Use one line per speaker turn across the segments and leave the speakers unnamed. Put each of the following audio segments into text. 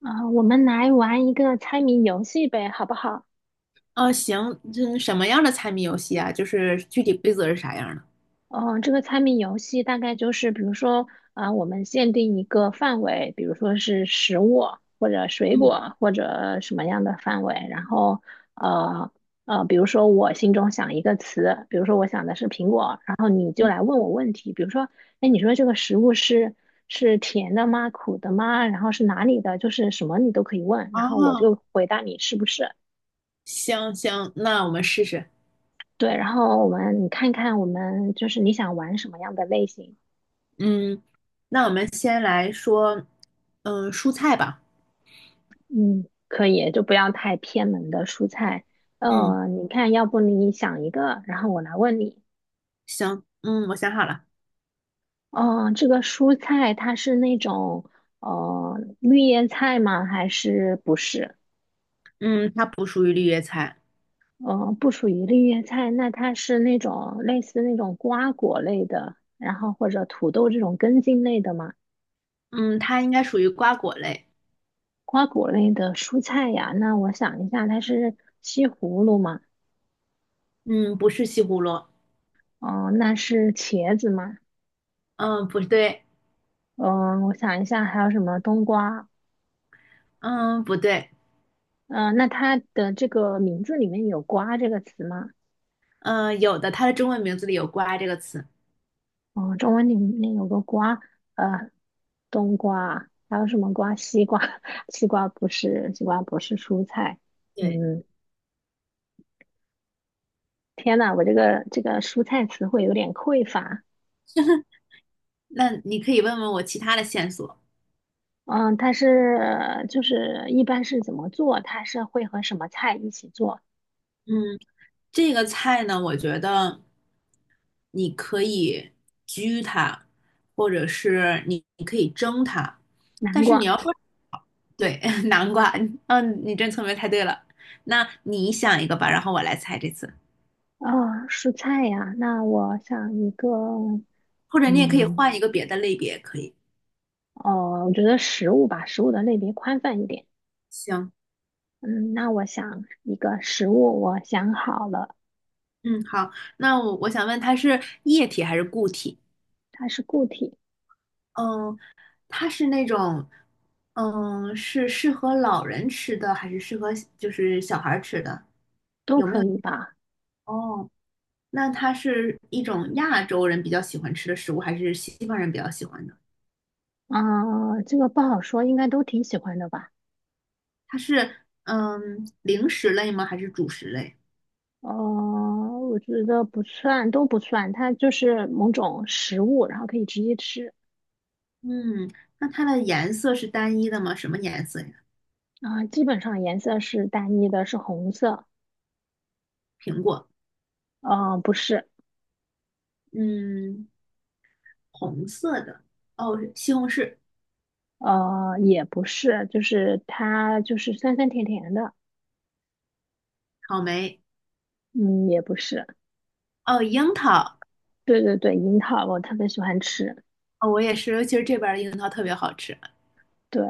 啊，我们来玩一个猜谜游戏呗，好不好？
哦，行，嗯，什么样的猜谜游戏啊？就是具体规则是啥样的？
嗯，这个猜谜游戏大概就是，比如说，啊，我们限定一个范围，比如说是食物或者水
嗯
果或者什么样的范围，然后，呃比如说我心中想一个词，比如说我想的是苹果，然后你就
嗯，
来问我问题，比如说，哎，你说这个食物是甜的吗？苦的吗？然后是哪里的？就是什么你都可以问，然后我
哦，
就回答你是不是。
行行，那我们试试。
对，然后你看看我们就是你想玩什么样的类型，
嗯，那我们先来说，嗯，蔬菜吧。
嗯，可以，就不要太偏门的蔬菜。
嗯，
你看，要不你想一个，然后我来问你。
行，嗯，我想好了。
哦、这个蔬菜它是那种绿叶菜吗？还是不是？
嗯，它不属于绿叶菜。
呃，不属于绿叶菜，那它是那种类似那种瓜果类的，然后或者土豆这种根茎类的吗？
嗯，它应该属于瓜果类。
瓜果类的蔬菜呀，那我想一下，它是西葫芦吗？
嗯，不是西葫芦。
哦，那是茄子吗？
嗯，不对。
嗯，我想一下，还有什么冬瓜？
嗯，不对。
嗯，那它的这个名字里面有“瓜”这个词吗？
嗯，有的，它的中文名字里有"瓜"这个词。
哦，中文里面有个“瓜”，呃，冬瓜，还有什么瓜？西瓜，西瓜不是，西瓜不是蔬菜。
对，
嗯，天呐，我这个蔬菜词汇有点匮乏。
那你可以问问我其他的线索。
嗯，它是就是一般是怎么做？它是会和什么菜一起做？
嗯。这个菜呢，我觉得你可以焗它，或者是你可以蒸它，
南
但是你
瓜。
要说对 南瓜，嗯，你真聪明，猜对了。那你想一个吧，然后我来猜这次，
啊，蔬菜呀，那我想一个，
或者你也可以
嗯，
换一个别的类别，可以。
哦，我觉得食物吧，食物的类别宽泛一点。
行，
嗯，那我想一个食物，我想好了，
嗯，好，那我想问，它是液体还是固体？
它是固体，
嗯，它是那种，嗯，是适合老人吃的，还是适合就是小孩儿吃的？
都可以吧？
哦。那它是一种亚洲人比较喜欢吃的食物，还是西方人比较喜欢的？
啊、这个不好说，应该都挺喜欢的吧？
它是零食类吗？还是主食类？
哦，我觉得不算，都不算，它就是某种食物，然后可以直接吃。
嗯，那它的颜色是单一的吗？什么颜色呀？
啊、基本上颜色是单一的，是红色。
苹果，
嗯、不是。
嗯，红色的，哦，西红柿，
呃，也不是，就是它就是酸酸甜甜的，
草莓，
嗯，也不是，
哦，樱桃，
对对对，樱桃我特别喜欢吃，
哦，我也是，尤其是这边儿的樱桃特别好吃，
对，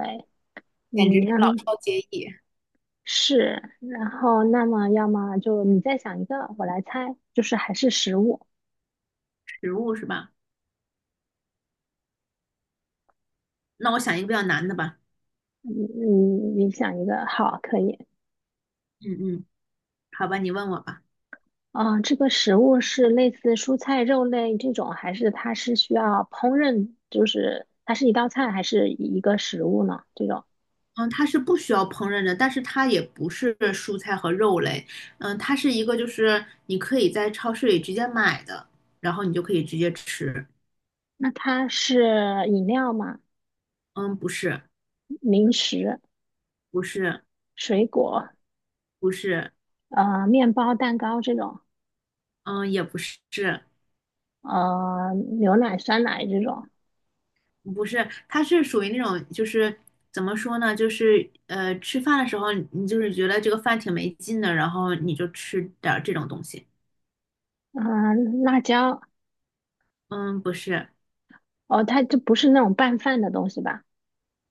嗯，
简直是
那
老少皆宜，
是，然后那么要么就你再想一个，我来猜，就是还是食物，
食物是吧？那我想一个比较难的吧，
嗯，你想一个，好，可以，
嗯嗯，好吧，你问我吧。
啊、这个食物是类似蔬菜、肉类这种，还是它是需要烹饪，就是它是一道菜还是一个食物呢？这种，
嗯，它是不需要烹饪的，但是它也不是蔬菜和肉类，嗯，它是一个就是你可以在超市里直接买的，然后你就可以直接吃。
那它是饮料吗？
嗯，不是，
零食、
不是，
水果，
不是，
呃，面包、蛋糕这种，
嗯，也不是，
呃，牛奶、酸奶这种，
不是，它是属于那种就是怎么说呢，就是吃饭的时候你就是觉得这个饭挺没劲的，然后你就吃点儿这种东西。
嗯、辣椒，
嗯，不是，
哦，它就不是那种拌饭的东西吧？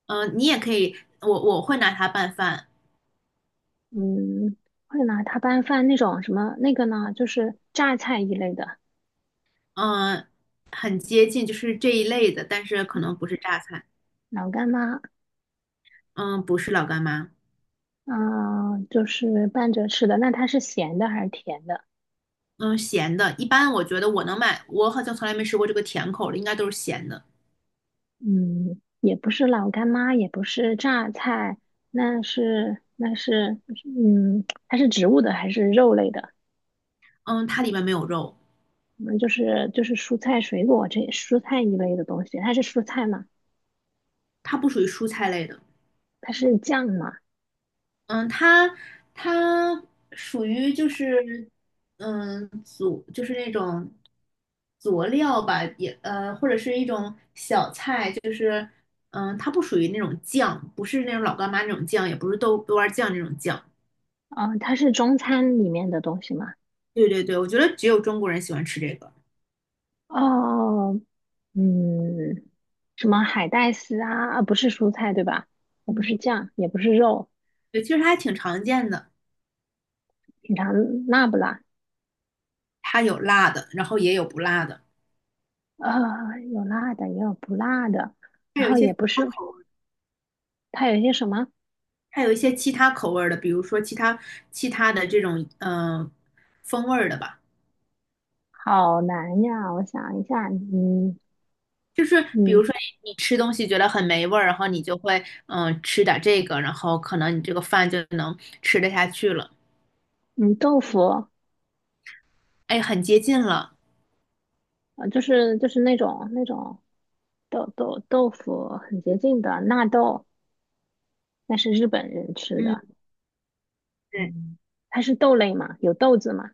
嗯，你也可以，我会拿它拌饭。
嗯，会拿它拌饭那种什么那个呢，就是榨菜一类的，
嗯，很接近，就是这一类的，但是可能不是榨菜。
老干妈，
嗯，不是老干妈。
嗯、就是拌着吃的。那它是咸的还是甜的？
嗯，咸的。一般我觉得我能买，我好像从来没吃过这个甜口的，应该都是咸的。
嗯，也不是老干妈，也不是榨菜，那是那是，嗯，它是植物的还是肉类的？
嗯，它里面没有肉，
嗯，就是蔬菜水果这蔬菜一类的东西，它是蔬菜吗？
它不属于蔬菜类的。
它是酱吗？
嗯，它属于就是佐，就是那种佐料吧，也或者是一种小菜，就是，它不属于那种酱，不是那种老干妈那种酱，也不是豆瓣酱那种酱。
啊、它是中餐里面的东西吗？
对对对，我觉得只有中国人喜欢吃这个。
哦，嗯，什么海带丝啊？啊不是蔬菜对吧？也不
嗯，
是酱，也不是肉，
对，其实它还挺常见的，
品尝辣不辣？
它有辣的，然后也有不辣的，
啊，有辣的，也有不辣的，
还
然
有一
后
些
也
其
不
他
是，
口味，
它有一些什么？
还有一些其他口味儿的，比如说其他的这种风味儿的吧。
好难呀，我想一下，
就是比如
嗯
说你吃东西觉得很没味儿，然后你就会吃点这个，然后可能你这个饭就能吃得下去了，
嗯，豆腐
哎，很接近了。
就是就是那种豆腐很洁净的纳豆，那是日本人吃
嗯，
的。
对，
嗯，它是豆类嘛，有豆子嘛。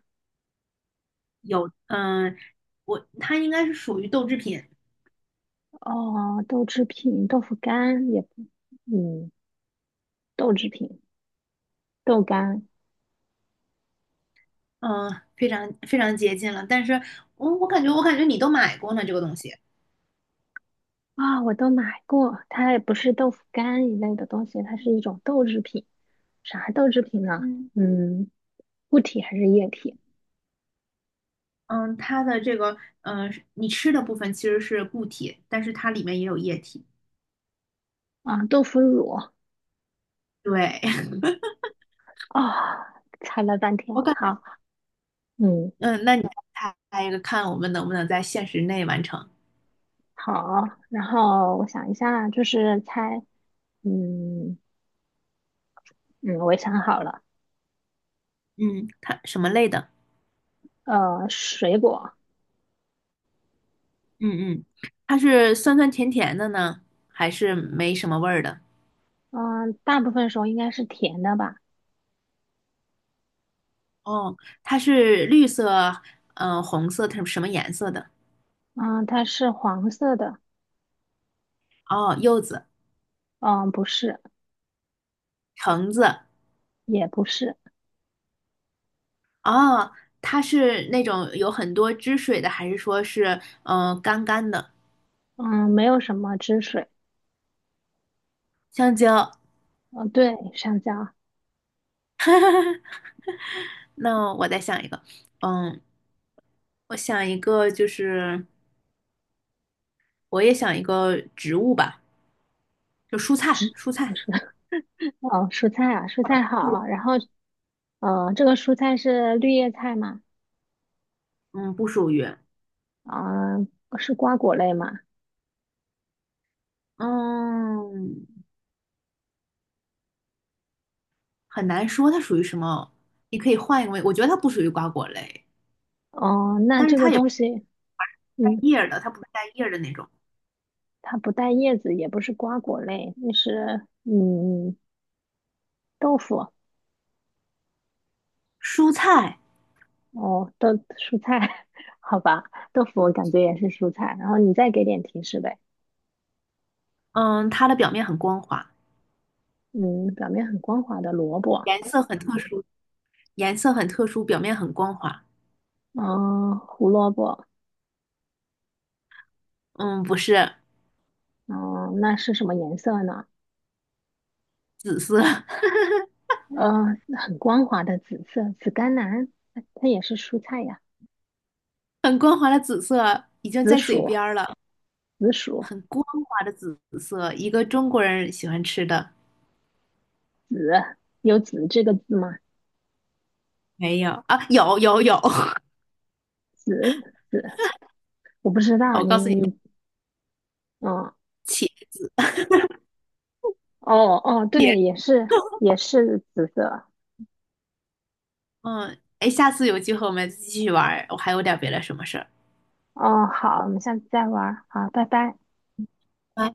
有嗯、呃我它应该是属于豆制品。
哦，豆制品、豆腐干也不嗯，豆制品、豆干
嗯，非常非常接近了。但是我感觉你都买过呢，这个东西。
啊、我都买过。它也不是豆腐干一类的东西，它是一种豆制品。啥豆制品呢？
嗯，
嗯，固体还是液体
嗯，它的这个你吃的部分其实是固体，但是它里面也有液体。
啊？豆腐乳
对，
啊，猜了半
我
天，
感
好，嗯。
嗯，那你再猜一个，看我们能不能在限时内完成。
好，然后我想一下，就是猜，嗯嗯，我也想好了，
嗯，它什么类的？
呃，水果，
嗯嗯，它是酸酸甜甜的呢，还是没什么味儿的？
嗯、大部分时候应该是甜的吧，
哦，它是绿色，红色，它是什么颜色的？
嗯、它是黄色的，
哦，柚子、
嗯、不是，
橙子，
也不是，
哦，它是那种有很多汁水的，还是说是干干的
嗯、没有什么汁水，
香蕉？
嗯、对，上蕉，
那我再想一个，嗯，我想一个就是我也想一个植物吧，就蔬菜，
汁，
蔬
不
菜，
是，哦，蔬菜啊，蔬菜好，然后，呃，这个蔬菜是绿叶菜嘛，
嗯，不属于，
啊、是瓜果类嘛，
嗯，很难说它属于什么，你可以换一个位，我觉得它不属于瓜果类，
哦、那
但是
这
它
个
也不
东
是
西。
带
嗯。
叶儿的，它不是带叶儿的那种
它不带叶子，也不是瓜果类，那是嗯豆腐
蔬菜，
哦，豆蔬菜，好吧，豆腐我感觉也是蔬菜。然后你再给点提示呗，
嗯，它的表面很光滑，
嗯，表面很光滑的萝卜，
颜色很特殊，颜色很特殊，表面很光滑。
嗯，胡萝卜，
嗯，不是
嗯，那是什么颜色呢？
紫色，
呃，很光滑的紫色，紫甘蓝，它也是蔬菜呀，
很光滑的紫色，已经
紫
在嘴
薯，
边儿了，
紫薯，
很光滑的紫色，一个中国人喜欢吃的。
紫，有紫这个字吗？
没有啊，有有有，
紫紫，我不知道，
我
你
告诉你，
你嗯，
茄
哦哦，对，
茄，
也是也是紫色。
嗯，哎，下次有机会我们继续玩儿，我还有点别的什么事儿。
哦，好，我们下次再玩儿。好，拜拜。
拜